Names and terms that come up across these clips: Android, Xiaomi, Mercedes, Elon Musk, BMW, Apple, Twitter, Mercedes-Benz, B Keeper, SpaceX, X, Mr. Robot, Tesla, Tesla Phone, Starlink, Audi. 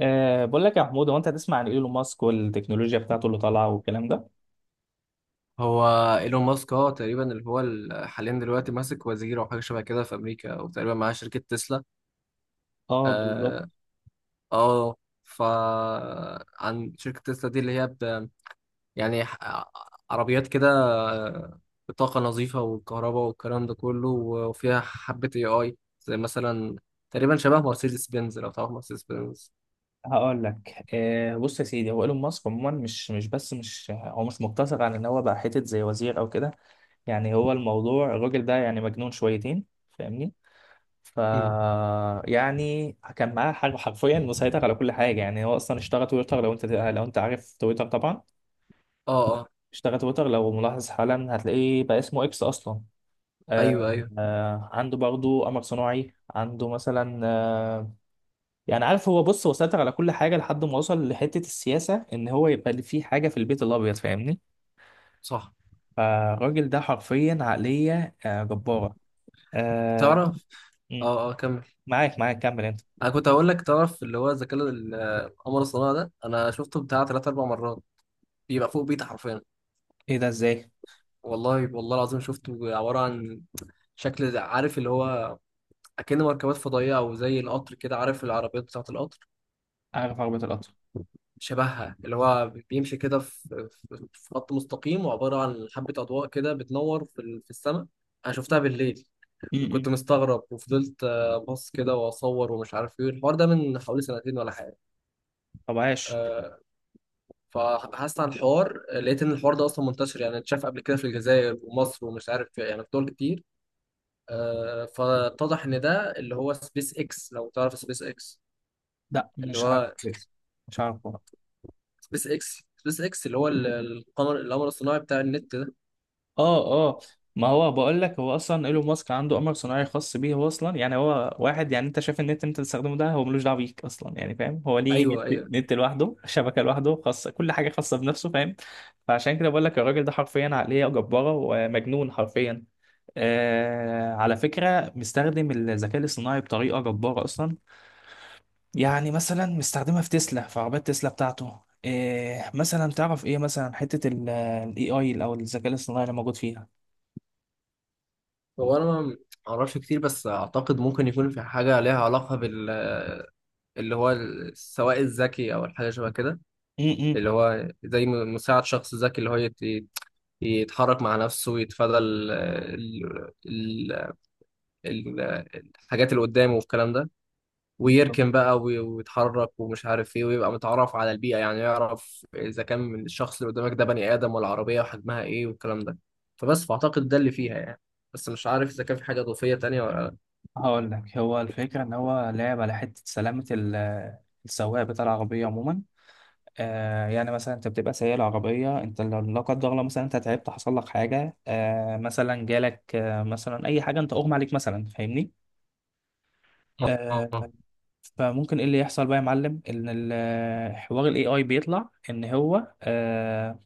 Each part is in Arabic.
بقول لك يا محمود، هو انت هتسمع عن ايلون ماسك والتكنولوجيا بتاعته اللي طالعه والكلام ده. هو ايلون ماسك، تقريبا اللي هو حاليا دلوقتي ماسك وزير او حاجه شبه كده في امريكا، وتقريبا معاه شركه تسلا. اه، بالظبط. اه اه. ف عن شركه تسلا دي اللي هي يعني ح- عربيات كده، آه، بطاقه نظيفه والكهرباء والكلام ده كله، وفيها حبه اي اي زي مثلا. تقريبا شبه مرسيدس بنز، لو تعرف مرسيدس بنز. هقول لك، بص يا سيدي، هو ايلون ماسك عموما مش بس مش هو مش مقتصر على ان هو بقى حتت زي وزير او كده. يعني هو الموضوع الراجل ده يعني مجنون شويتين، فاهمني؟ ف مم. يعني كان معاه حاجه حرفيا مسيطر على كل حاجه. يعني هو اصلا اشترى تويتر، لو انت عارف تويتر طبعا. اه اه. اشترى تويتر، لو ملاحظ حالا هتلاقيه بقى اسمه اكس اصلا. ايوه آه ايوه. آه، عنده برضه قمر صناعي، عنده مثلا آه. يعني عارف، هو بص، هو سيطر على كل حاجة لحد ما وصل لحتة السياسة، إن هو يبقى اللي فيه حاجة في البيت الأبيض، فاهمني؟ صح. فالراجل ده حرفيا عقلية آه جبارة. آه. تعرف. مم. اه اه. كمل. معاك كمل أنت. انا كنت هقول لك، تعرف اللي هو القمر الصناعي ده، انا شفته بتاع ثلاث اربع مرات، بيبقى فوق بيتي حرفيا. إيه ده إزاي؟ والله، والله العظيم شفته، عباره عن شكل، عارف اللي هو اكن مركبات فضائيه، او زي القطر كده، عارف العربيات بتاعه القطر، عارف عربية القطر. شبهها. اللي هو بيمشي كده في خط مستقيم، وعباره عن حبه اضواء كده بتنور في السماء. انا شفتها بالليل. م- كنت م. مستغرب وفضلت ابص كده واصور، ومش عارف ايه الحوار ده، من حوالي سنتين ولا حاجه. طب عاش. آه، فبحثت عن الحوار، لقيت ان الحوار ده اصلا منتشر، يعني اتشاف قبل كده في الجزائر ومصر، ومش عارف، يعني في دول كتير. فاتضح ان ده اللي هو سبيس اكس، لو تعرف سبيس اكس، لا اللي مش عارف هو بس. مش عارف. سبيس اكس اللي هو القمر الصناعي بتاع النت ده. اه اه. ما هو بقول لك، هو اصلا ايلون ماسك عنده قمر صناعي خاص بيه هو اصلا. يعني هو واحد، يعني انت شايف النت اللي انت بتستخدمه ده، هو ملوش دعوه بيك اصلا، يعني فاهم؟ هو ليه نت, ايوه ايوه. نت لوحده، شبكه لوحده، خاصه، كل حاجه خاصه بنفسه، فاهم؟ فعشان كده بقول لك، الراجل ده حرفيا عقليه جباره ومجنون حرفيا. آه، على فكره مستخدم الذكاء الاصطناعي بطريقه جباره اصلا. يعني مثلا مستخدمها في تسلا، في عربيات تسلا بتاعته. إيه مثلا؟ تعرف ايه مثلا حته الاي اي او الذكاء الاصطناعي اللي موجود هو انا ما اعرفش كتير، بس اعتقد ممكن يكون في حاجه ليها علاقه اللي هو السواق الذكي، او الحاجه شبه كده، فيها؟ اللي هو زي مساعد شخص ذكي، اللي هو يتحرك مع نفسه، يتفادى ال ال ال ال الحاجات اللي قدامه والكلام ده، بالظبط. ويركن بقى، ويتحرك ومش عارف ايه، ويبقى متعرف على البيئة، يعني يعرف إذا كان من الشخص اللي قدامك ده بني آدم ولا عربية، وحجمها ايه والكلام ده. فبس، فأعتقد ده اللي فيها يعني. بس مش عارف إذا كان في حاجة إضافية تانية ولا هقول لك، هو الفكرة إن هو لعب على حتة سلامة ال- السواق بتاع العربية عموما. آه، يعني مثلا أنت بتبقى سايق العربية، أنت لو لا قدر الله مثلا أنت تعبت، حصل لك حاجة، آه، مثلا جالك آه مثلا أي حاجة، أنت أغمى عليك مثلا، فاهمني؟ لا. آه. آه فممكن إيه اللي يحصل بقى يا معلم؟ إن ال- حوار ال AI بيطلع إن هو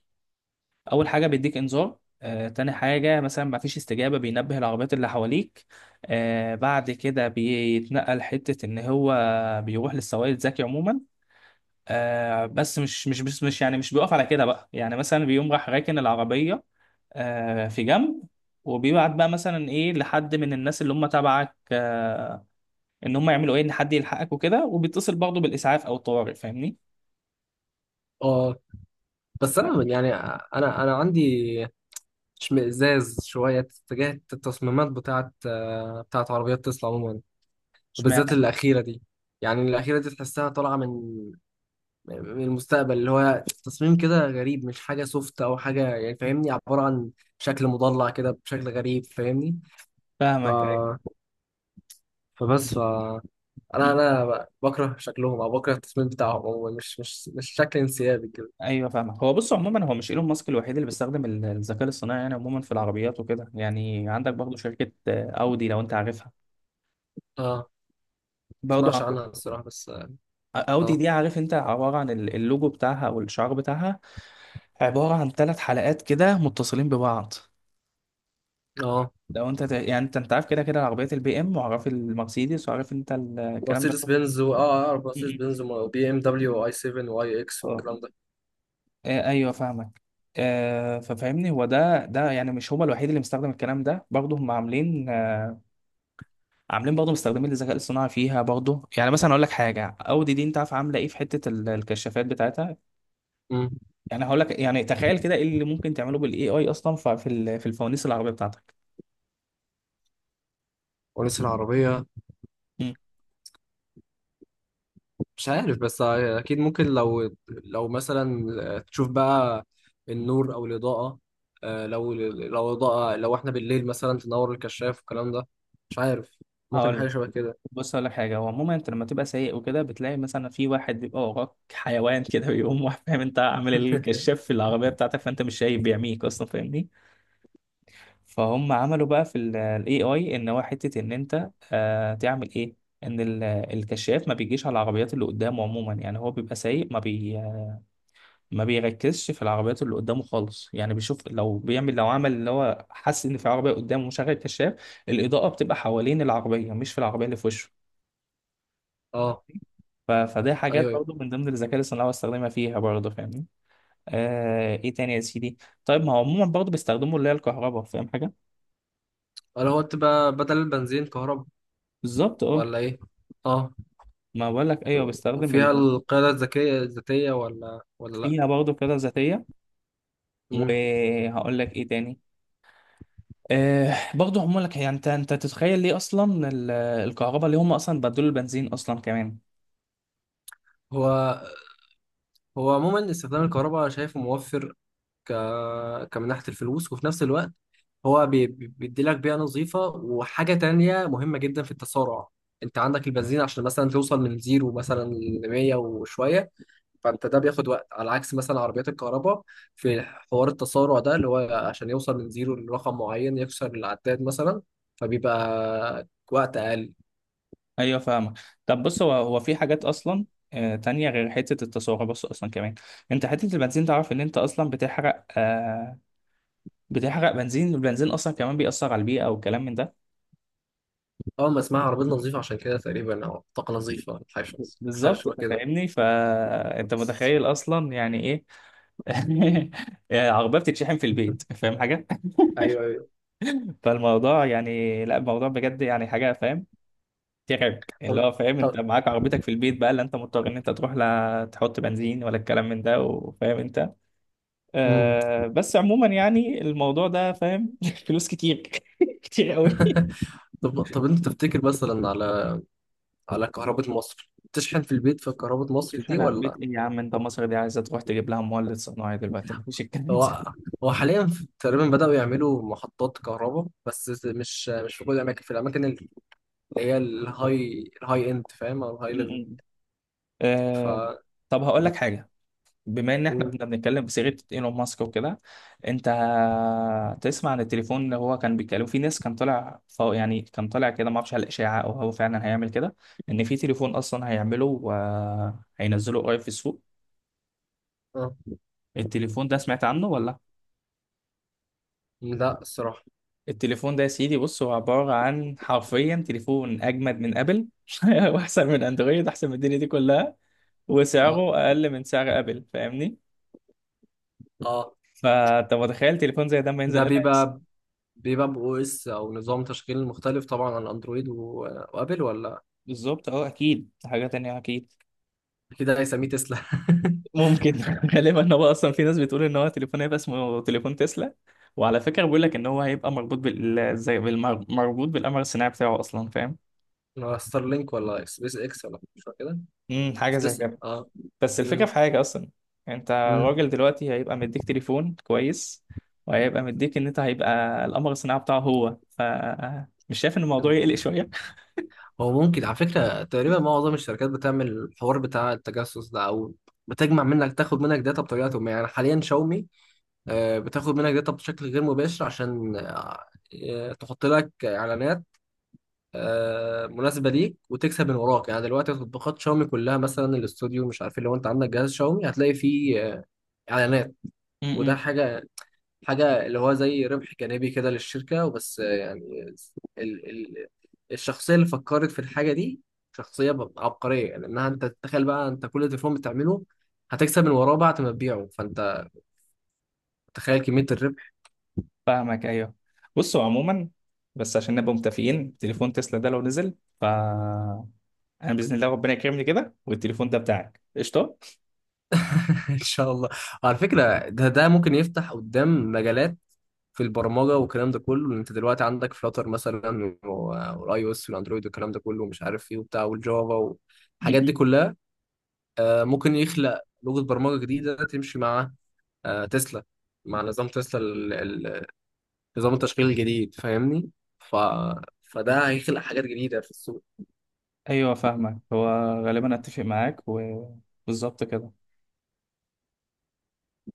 اول حاجه بيديك انذار، تاني حاجة مثلا مفيش استجابة، بينبه العربيات اللي حواليك. آه، بعد كده بيتنقل حتة إن هو بيروح للسواق الذكي عموما. آه، بس مش بس مش يعني مش بيقف على كده بقى. يعني مثلا بيقوم راح راكن العربية آه في جنب، وبيبعت بقى مثلا ايه لحد من الناس اللي هم تبعك، آه، ان هم يعملوا ايه، ان حد يلحقك وكده. وبيتصل برضه بالاسعاف او الطوارئ، فاهمني؟ آه. بس آه. أنا، يعني، أنا عندي اشمئزاز شوية تجاه التصميمات بتاعت عربيات تسلا عموما، وبالذات اشمعنى؟ الأخيرة دي. يعني الأخيرة دي تحسها طالعة من المستقبل، اللي هو تصميم كده غريب، مش حاجة سوفت أو حاجة، يعني فاهمني، عبارة عن شكل مضلع كده بشكل غريب، فاهمني. ف... فاهمك، ايوه. فبس ف... أنا بكره شكلهم، أو بكره التصميم بتاعهم، هو مش شكل انسيابي كده. ايوه فاهمك. هو بص، عموما هو مش ايلون ماسك الوحيد اللي بيستخدم ال- الذكاء الصناعي يعني عموما في العربيات وكده. يعني عندك برضه شركه اودي، لو انت عارفها، أه. برضه مسمعش عندهم. عنها الصراحة بس. اودي أه. دي، عارف انت، عباره عن ال- اللوجو بتاعها او الشعار بتاعها، عباره عن 3 حلقات كده متصلين ببعض. أه. لو انت ت- يعني انت عارف كده كده عربيات البي ام، وعارف المرسيدس، وعارف انت ال- الكلام ده مرسيدس كله. بنز و... أه أعرف م- مرسيدس م. بنز وبي إم دبليو وآي 7 وآي إكس اه. والكلام ده. آه، ايوه فاهمك. آه، ففهمني، هو ده يعني مش هو الوحيد اللي مستخدم الكلام ده، برضه هم عاملين، عاملين برضه مستخدمين الذكاء الصناعي فيها برضه. يعني مثلا اقول لك حاجه، اودي دي انت عارف عامله ايه في حته ال- الكشافات بتاعتها؟ أمم. يعني هقول لك، يعني تخيل كده ايه اللي ممكن تعمله بالاي اي اصلا في ال- في الفوانيس العربيه بتاعتك. ونسي العربية. مم. مش عارف، بس اكيد ممكن لو لو مثلا تشوف بقى النور او الاضاءه. لو لو اضاءه، لو احنا بالليل مثلا تنور الكشاف والكلام ده. مش عارف، ممكن هقول لك. حاجه شبه كده. بص هقول لك حاجه، هو عموما انت لما تبقى سايق وكده بتلاقي مثلا في واحد بيبقى وراك حيوان كده، بيقوم واحد، فاهم، انت عامل الكشاف في العربيه بتاعتك، فانت مش شايف، بيعميك اصلا، فاهمني؟ فهم عملوا بقى في الاي اي ان هو حته ان انت آه تعمل ايه، ان ال- الكشاف ما بيجيش على العربيات اللي قدامه عموما. يعني هو بيبقى سايق، ما بيركزش في العربيات اللي قدامه خالص. يعني بيشوف لو بيعمل، لو عمل اللي هو، حس ان في عربيه قدامه ومشغل الكشاف، الاضاءه بتبقى حوالين العربيه مش في العربيه اللي في وشه. اه. ف- فده حاجات ايوه ايوه. برضو من ضمن الذكاء الاصطناعي بستخدمها فيها برضو، فاهمني؟ آه. ايه تاني يا سيدي؟ طيب ما هو عموما برضو بيستخدموا اللي هي الكهرباء، فاهم حاجه؟ اللي هو تبقى بدل البنزين كهرباء، بالظبط، اه. ولا ايه؟ اه. ما بقول لك ايوه، بستخدم وفيها اللي هو. القياده الذكيه الذاتيه، ولا لا؟ فيها برضه قيادة ذاتية. مم. وهقول لك ايه تاني. أه، برضه هم لك، يعني انت تتخيل ليه اصلا ال- الكهرباء، ليه هم اصلا بدلوا البنزين اصلا كمان؟ هو هو عموما استخدام الكهرباء شايفه موفر، ك... كمن ناحية الفلوس، وفي نفس الوقت هو بيديلك بيئة نظيفة، وحاجة تانية مهمة جدا في التسارع. انت عندك البنزين، عشان مثلا توصل من زيرو مثلا ل 100 وشوية، فانت ده بياخد وقت، على عكس مثلا عربيات الكهرباء في حوار التسارع ده، اللي هو عشان يوصل من زيرو لرقم معين يكسر العداد مثلا، فبيبقى وقت اقل. ايوه فاهمك. طب بص، هو في حاجات اصلا تانية غير حتة التسارع. بص أصلا كمان، أنت حتة البنزين، تعرف إن أنت أصلا بتحرق آه بتحرق بنزين، والبنزين أصلا كمان بيأثر على البيئة والكلام من ده. اول ما اسمها عربية نظيفة عشان كده تقريبا، او طاقة نظيفة، حاجة بالظبط. شبه أنت كده. فاهمني، فأنت متخيل أصلا يعني إيه؟ عربية بتتشحن في البيت، فاهم حاجة؟ ايوه ايوه. فالموضوع يعني، لا الموضوع بجد يعني حاجه فاهم، ترعب. اللي طب هو فاهم، انت معاك عربيتك في البيت بقى، لا انت مضطر ان انت تروح لا تحط بنزين، ولا الكلام من ده، وفاهم انت. طب آه، بس عموما يعني الموضوع ده فاهم، فلوس كتير. كتير قوي. طب انت تفتكر مثلا على كهرباء مصر، تشحن في البيت في كهرباء مصر دي تشحن على البيت ولا؟ ايه يا عم انت؟ مصر دي عايزه تروح تجيب لها مولد صناعي دلوقتي، مفيش الكلام ده. هو هو حاليا تقريبا بدأوا يعملوا محطات كهرباء، بس مش في كل الاماكن، في الاماكن اللي هي الهاي اند فاهم، او الهاي ليفل. م- م. ف آه. طب هقول لك حاجه، بما ان احنا مم. كنا بنتكلم بصيغه ايلون ماسك وكده، انت تسمع عن التليفون اللي هو كان بيتكلم في ناس، كان طالع فوق يعني، كان طالع كده، ما اعرفش على الاشاعه او هو فعلا هيعمل كده، ان في تليفون اصلا هيعمله وهينزله قريب في السوق؟ اه. التليفون ده سمعت عنه ولا؟ لا الصراحة. التليفون ده يا سيدي بص، هو عباره عن حرفيا تليفون اجمد من ابل، واحسن من اندرويد، احسن من الدنيا دي كلها، اه وسعره اقل من سعر ابل، فاهمني؟ اه. فانت متخيل تليفون زي ده ما ينزل ده الا؟ بيبقى بو اس، او نظام تشغيل مختلف طبعا عن اندرويد، وابل، ولا؟ بالظبط، اه، اكيد دي حاجه تانية اكيد. اكيد هيسميه تسلا ممكن. غالبا، ان هو اصلا في ناس بتقول ان هو تليفون هيبقى اسمه تليفون تسلا. وعلى فكره بيقول لك ان هو هيبقى مربوط بال زي مربوط بالقمر الصناعي بتاعه اصلا، فاهم؟ ولا ستارلينك، ولا سبيس اكس، ولا مش فاكر كده. امم، حاجه زي سبيس، كده. بس الفكره في حاجه اصلا، انت مم. راجل دلوقتي هيبقى مديك تليفون كويس، وهيبقى مديك ان انت هيبقى القمر الصناعي بتاعه هو. مش شايف ان الموضوع يقلق شويه؟ هو ممكن على فكرة تقريبا معظم الشركات بتعمل الحوار بتاع التجسس ده، أو بتجمع منك، تاخد منك داتا بطريقة ما. يعني حاليا شاومي بتاخد منك داتا بشكل غير مباشر، عشان تحط لك إعلانات مناسبة ليك، وتكسب من وراك. يعني دلوقتي تطبيقات شاومي كلها، مثلا الاستوديو، مش عارف، لو أنت عندك جهاز شاومي هتلاقي فيه إعلانات. وده امم. حاجة، اللي هو زي ربح جانبي كده للشركة، وبس. يعني ال ال الشخصية اللي فكرت في الحاجة دي شخصية عبقرية، لأنها أنت تتخيل بقى، أنت كل تليفون بتعمله هتكسب من وراه بعد ما تبيعه، فأنت تخيل كمية الربح. فاهمك، ايوه. بصوا عموما، بس عشان نبقى متفقين، تليفون تسلا ده لو نزل، ف انا باذن الله ربنا يكرمني كده، والتليفون ده بتاعك قشطه. إن شاء الله. وعلى فكرة ده ممكن يفتح قدام مجالات في البرمجة والكلام ده كله. أنت دلوقتي عندك فلاتر مثلا، والآي أو إس والأندرويد والكلام ده كله، ومش عارف إيه وبتاع، والجافا م- والحاجات دي م. كلها. ممكن يخلق لغة برمجة جديدة تمشي مع تسلا، مع نظام تسلا ال- نظام التشغيل الجديد، فاهمني. ف... فده هيخلق حاجات جديدة في السوق. ايوه فاهمك. هو غالبا اتفق معاك، وبالظبط كده.